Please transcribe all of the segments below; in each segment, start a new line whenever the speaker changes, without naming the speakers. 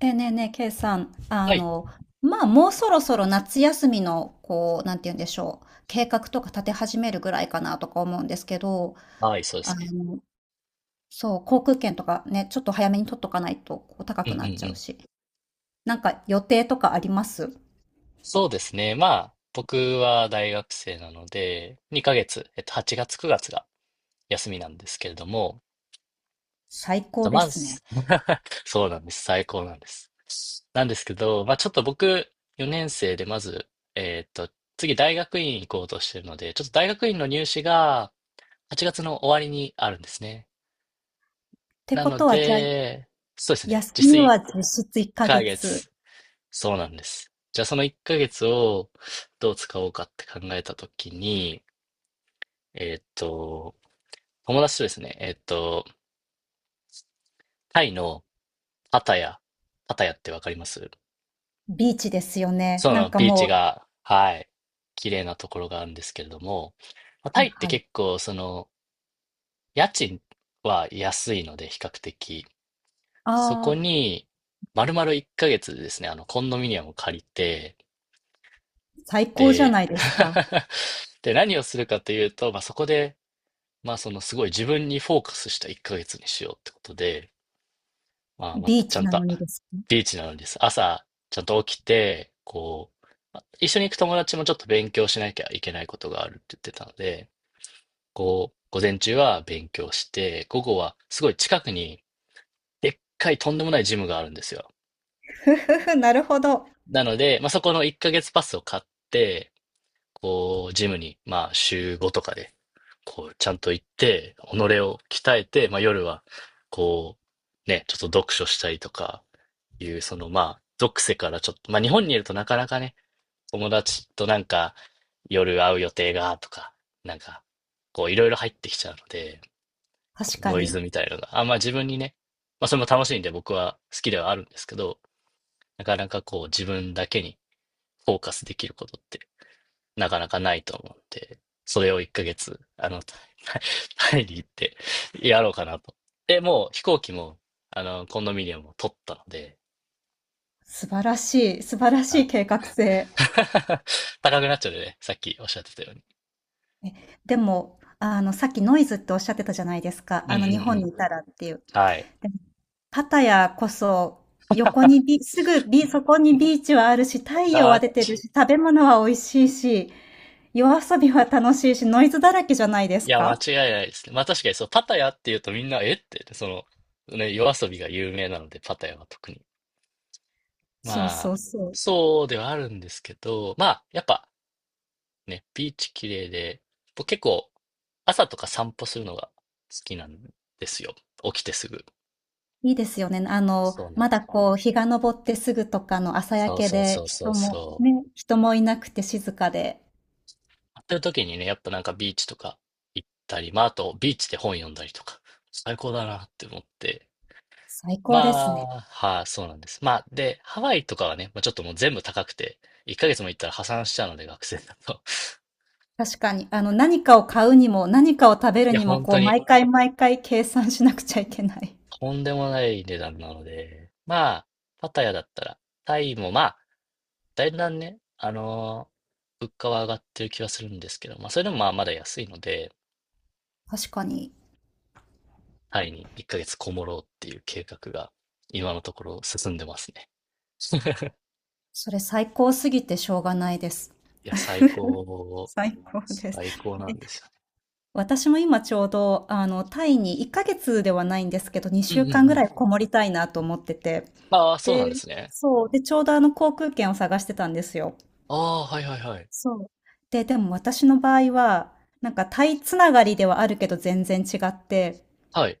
ねえねえ、ケイさん、
はい。
まあ、もうそろそろ夏休みの、こう、なんて言うんでしょう、計画とか立て始めるぐらいかなとか思うんですけど、
はい、そうで
あ
すね。
の、そう、航空券とかね、ちょっと早めに取っとかないと、こう、高
うん
く
うん
なっち
う
ゃう
ん。
し。なんか予定とかあります？
そうですね。まあ、僕は大学生なので、2ヶ月、8月、9月が休みなんですけれども、
最高で
まあ、
すね。っ
そうなんです。最高なんです。なんですけど、まあ、ちょっと僕、4年生で、まず、えっと、次、大学院行こうとしてるので、ちょっと大学院の入試が8月の終わりにあるんですね。
て
な
こ
の
とは、じゃあ、
で、そうですね。
休
実質
み
1
は実質1ヶ
ヶ
月、
月。そうなんです。じゃあその1ヶ月をどう使おうかって考えたときに、えーっと、友達とですね、タイのパタヤ、パタヤってわかります？
ビーチですよね。
そう
な
なの。
んか
ビーチ
も
が、はい、綺麗なところがあるんですけれども、まあ
う、
タ
は
イ
い
って
はい。
結構その家賃は安いので比較的、そこ
ああ、
に丸々1ヶ月ですね、あのコンドミニアムを借りて、
最高じゃ
で、
ないですか。
で、何をするかというと、まあ、そこでまあ、そのすごい自分にフォーカスした1ヶ月にしようってことで、まあ、ま
ビ
た
ー
ち
チ
ゃん
な
と
のにですね。
ビーチなのにです。朝ちゃんと起きて、こう、まあ一緒に行く友達もちょっと勉強しなきゃいけないことがあるって言ってたので、こう、午前中は勉強して、午後はすごい近くにでっかいとんでもないジムがあるんですよ。
ふふふ、なるほど。
なので、まあ、そこの1ヶ月パスを買って、こう、ジムに、まあ、週5とかで、こう、ちゃんと行って、己を鍛えて、まあ、夜は、こう、ね、ちょっと読書したりとか、いう、その、まあ、属性からちょっと、まあ、日本にいるとなかなかね、友達となんか、夜会う予定が、とか、なんか、こう、いろいろ入ってきちゃうので、こ
確
う
か
ノイ
に。
ズみたいなのが、あ、まあ、自分にね、まあ、それも楽しいんで僕は好きではあるんですけど、なかなかこう、自分だけにフォーカスできることってなかなかないと思うんで、それを1ヶ月、あの、タイタイに行ってやろうかなと。で、もう飛行機も、あの、コンドミニアムを取ったので、
素晴らしい、素晴らし
は
い
い。
計画性。
高くなっちゃうでね、さっきおっしゃってたように。
え、でも、さっきノイズっておっしゃってたじゃないです
う
か。
んうんう
日本
ん。
にいたらっていう。
はい。
でも、パやこそ、横に ビ、すぐビ、そこにビーチはあるし、太陽は
あ、
出てる
ち
し、食べ物は美味しいし、夜遊びは楽しいし、ノイズだらけじゃないで
い
す
や、間違
か？
いないですね。まあ確かにそう、パタヤっていうとみんな、えって、その、ね、夜遊びが有名なので、パタヤは特に。
そう
ま
そ
あ、
うそう。
そうではあるんですけど、まあ、やっぱ、ね、ビーチ綺麗で、僕結構朝とか散歩するのが好きなんですよ。起きてすぐ。
いいですよね。
そうな
ま
んで
だこう、日が昇ってすぐとかの朝
す。
焼
そう
け
そう
で、
そうそ
人
う
も、
そう。
ね、人もいなくて静かで、
やってる時にね、やっぱなんかビーチとか行ったり、まああとビーチで本読んだりとか、最高だなって思って。
最
ま
高ですね。
あ、はい、そうなんです。まあ、で、ハワイとかはね、まあ、ちょっともう全部高くて、1ヶ月も行ったら破産しちゃうので、学生だと。
確かに、何かを買うにも、何かを食べ る
いや、
にも、
本
こう、
当に、
毎回毎回計算しなくちゃいけない。
とんでもない値段なので、まあ、パタヤだったら、タイもまあ、だんだんね、物価は上がってる気はするんですけど、まあ、それでもまあまだ安いので、
確かに、
タイに1ヶ月こもろうっていう計画が、今のところ進んでますね。
それ最高すぎてしょうがないです。
いや、最高、
最高です。
最高な
え、
んですよね。
私も今ちょうど、タイに1ヶ月ではないんですけど、
う
2
んうん
週間
う
ぐ
ん。
らいこもりたいなと思ってて。
ああ、そう
で、
なんですね。
そう、で、ちょうどあの航空券を探してたんですよ。
ああ、はいはいはい。
そう。で、でも私の場合は、なんかタイつながりではあるけど全然違って、
はい。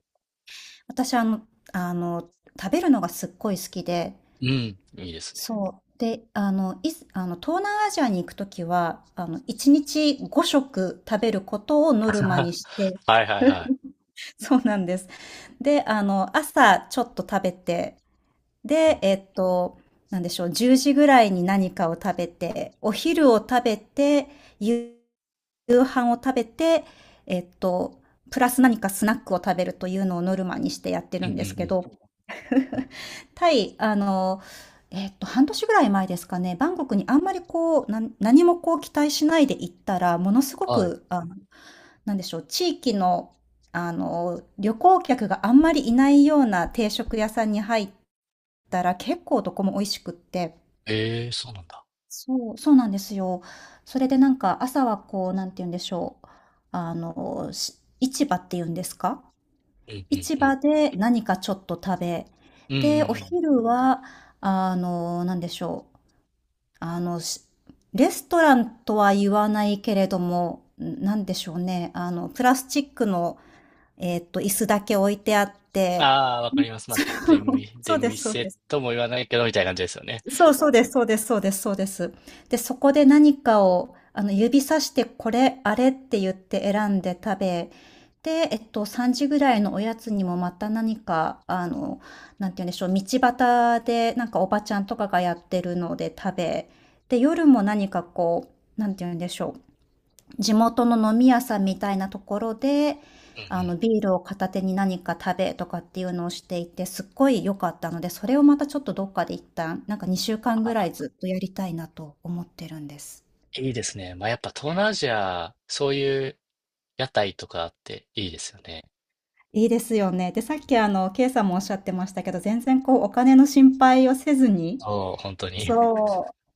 私、あの、食べるのがすっごい好きで、
うん、いいですね。
そう。で、いあの、東南アジアに行くときは、1日5食食べることを ノルマ
は
にして、
いはいはい。
そうなんです。で、朝ちょっと食べて、
う
で、
ん、
なんでしょう、10時ぐらいに何かを食べて、お昼を食べて、夕夕飯を食べて、えっと、プラス何かスナックを食べるというのをノルマにしてやって
う
る
んう
ん
んう
ですけ
ん。
ど、タイ、半年ぐらい前ですかね、バンコクにあんまりこう、何もこう期待しないで行ったら、ものすご
はい。
く、なんでしょう、地域の、旅行客があんまりいないような定食屋さんに入ったら、結構どこも美味しくって。
ええ、そうなんだ。
そう、そうなんですよ。それでなんか朝はこう、なんて言うんでしょう。市場っていうんですか？
うんうん
市
うん
場で何かちょっと食べ、
うん。うん
で、お
うん。
昼は、なんでしょう。あの、しレストランとは言わないけれども、んなんでしょうね。プラスチックの、椅子だけ置いてあって。
ああ、わかります。まあ、出 店、出
そうですそうで
店
す。
とも言わないけど、みたいな感じですよね。
そうそうです、そうです、そうです、そうです。で、そこで何かを、指さして、これ、あれって言って選んで食べ、で、3時ぐらいのおやつにもまた何か、なんて言うんでしょう、道端で、なんかおばちゃんとかがやってるので食べ、で、夜も何かこう、なんて言うんでしょう、地元の飲み屋さんみたいなところで、
うんうん。
ビールを片手に何か食べとかっていうのをしていて、すっごい良かったので、それをまたちょっとどっかで一旦、なんか2週間ぐ
あ、
らいずっとやりたいなと思ってるんです。
いいですね。まあ、やっぱ東南アジア、そういう屋台とかあっていいですよね。
いいですよね。で、さっきケイさんもおっしゃってましたけど、全然こう、お金の心配をせずに、
そう、本当に。
そう、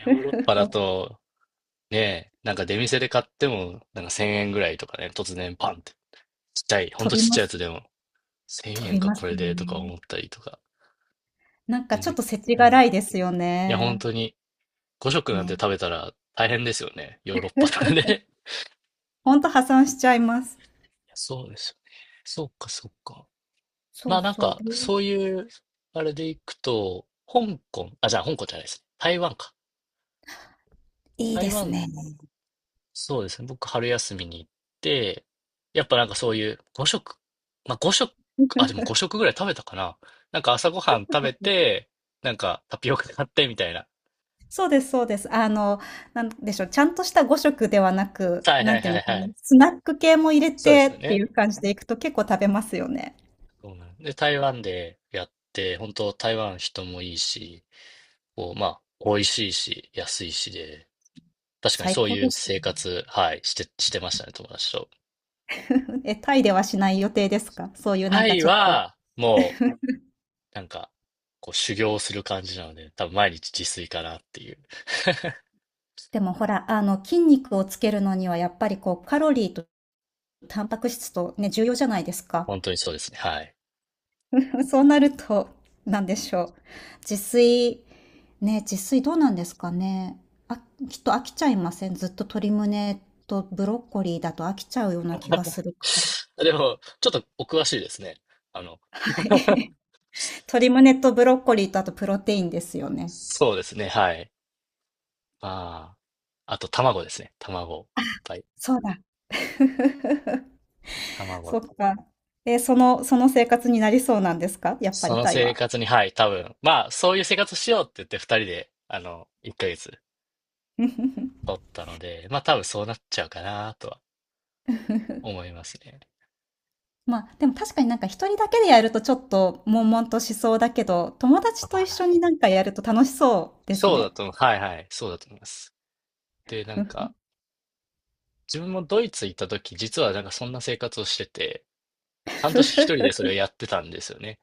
ヨーロッ パだ
お
と、ね、なんか出店で買っても、なんか1000円ぐらいとかね、突然パンって。ちっちゃい、ほん
飛
とち
び
っち
ま
ゃいやつ
す、
でも、1000
飛
円
び
か
ます
これ
よ
でとか
ね。
思ったりとか、
なんか
全
ちょっ
然、
と世知
うん。い
辛いですよ
や、本
ね。
当に、5食なんて
ね。
食べたら大変ですよね。ヨーロッパとかで。
ほんと破産しちゃいます。
そうですよね。そっかそっか。
そ
ま
う
あなん
そう。
か、そういう、あれでいくと、香港、あ、じゃあ香港じゃないですね。台湾か。
いい
台
です
湾、
ね。
そうですね。僕、春休みに行って、やっぱなんかそういう5食、まあ5食、あ、でも5食ぐらい食べたかな。なんか朝ごはん食べ て、なんかタピオカ買ってみたいな。
そうですそうですそうです。なんでしょう、ちゃんとした5食ではなく、
はい
な
はい
んていう
は
ん
い
でしょう
は
ね、
い。
スナック系も入れ
そうで
て
すよ
って
ね。
いう感じでいくと結構食べますよね。
そうなんで、台湾でやって、本当台湾人もいいし、こう、まあ、美味しいし、安いしで、確かに
最
そう
高
いう
です
生
ね。
活、はい、してましたね、友達と。
タイではしない予定ですか？そういうなん
タ
か
イ
ちょっと。
は、もう、なんか、こう、修行する感じなので、多分毎日自炊かなっていう。
でもほら、筋肉をつけるのにはやっぱりこう、カロリーとタンパク質とね、重要じゃないですか。
本当にそうですね、はい。
そうなると、なんでしょう。自炊、ね、自炊どうなんですかね。あ、きっと飽きちゃいません？ずっと鶏胸とブロッコリーだと飽きちゃうような気がするから。は
でも、ちょっとお詳しいですね。あの、
い 鶏胸とブロッコリーとあとプロテインですよね。
そうですね、はい。まああ、あと卵ですね、卵。いっぱい。
そうだ。
卵。
そっか。その生活になりそうなんですか？やっぱ
そ
り
の
タイ
生
は。
活に、はい、多分、まあ、そういう生活しようって言って二人で、あの、一ヶ月取 ったので、まあ多分そうなっちゃうかなとは思いますね。
まあ、でも確かになんか一人だけでやるとちょっと悶々としそうだけど、友達と一緒になんかやると楽しそうです
そうだ
ね。
と思う。はいはい。そうだと思います。で、なんか、自分もドイツ行った時、実はなんかそんな生活をしてて、半年一人でそれをやってたんですよね。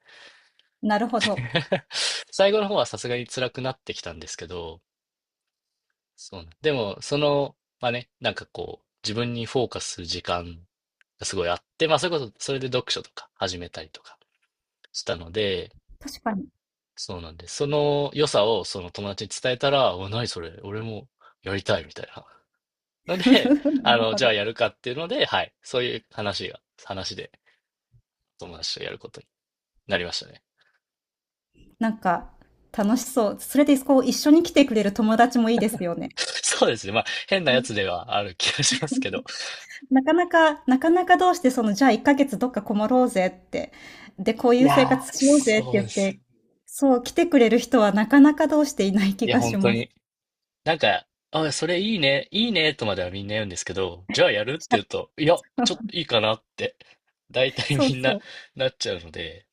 なるほど。
最後の方はさすがに辛くなってきたんですけど、そうなん、でも、その、まあね、なんかこう、自分にフォーカスする時間がすごいあって、まあそれこそ、それで読書とか始めたりとかしたので、
確かに。
そうなんです。その良さをその友達に伝えたら、お、何それ、俺もやりたいみたいなので、
な
あ
る
の、
ほ
じゃあ
ど。
やるかっていうので、はい。そういう話で友達とやることになりましたね。
なんか楽しそう。それでこう一緒に来てくれる友達もいいですよね。
そうですね。まあ、変なや
ね、
つではある気がしますけど。
なかなかなかなかどうしてそのじゃあ1ヶ月どっかこもろうぜって、で、こうい
い
う生
や
活
ー、
しようぜって
そう
言
で
っ
す。
て、そう、来てくれる人はなかなかどうしていない気
いや、
が
本
し
当
ます。
に。なんか、あ、それいいね、いいね、とまではみんな言うんですけど、じゃあやるって言うと、いや、
社
ちょっといいかなって、大 体
そう
みん
そ
な
う。
なっちゃうので、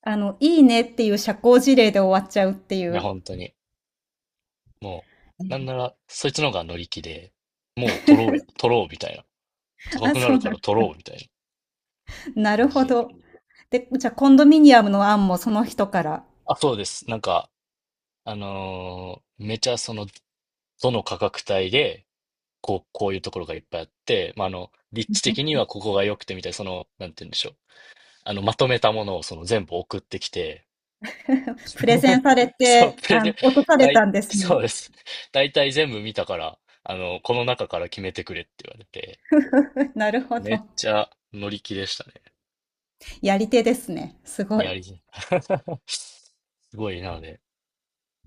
いいねっていう社交辞令で終わっちゃうってい
いや、
う。
本当に。も
う
う、なん
ん。
なら、そいつの方が乗り気で、もう取ろうや、取ろうみたいな。高
あ、
くな
そう
るか
なん。
ら取ろうみたいな
な
感
る
じ
ほ
で。
ど。で、じゃ、コンドミニアムの案もその人から、
あ、そうです。なんか、めちゃその、どの価格帯で、こう、こういうところがいっぱいあって、まあ、あの、立地的に はここが良くてみたいな、その、なんて言うんでしょう。あの、まとめたものをその全部送ってきて、
プレゼ ンされ
そう、
て、
プレゼン、
落とされたんです
そ
ね。
うです。大体全部見たから、あの、この中から決めてくれって言われて、
なるほ
めっ
ど。
ちゃ乗り気でしたね。
やり手ですね。すご
ニ
い。
ャリズム。すごい、なので。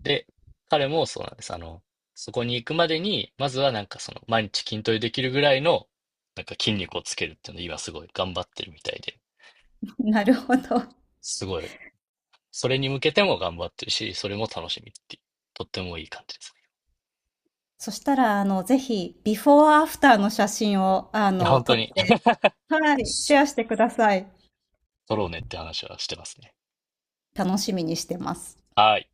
で、彼もそうなんです。あの、そこに行くまでに、まずはなんかその、毎日筋トレできるぐらいの、なんか筋肉をつけるっていうのを今すごい頑張ってるみたいで、
なるほど。
すごい、それに向けても頑張ってるし、それも楽しみっていう、とってもいい感じですね。
そしたら、ぜひ、ビフォーアフターの写真を、
いや、本
撮
当
っ
に、
て、はい、シェアしてください。
取ろうねって話はしてますね。
楽しみにしてます。
はい。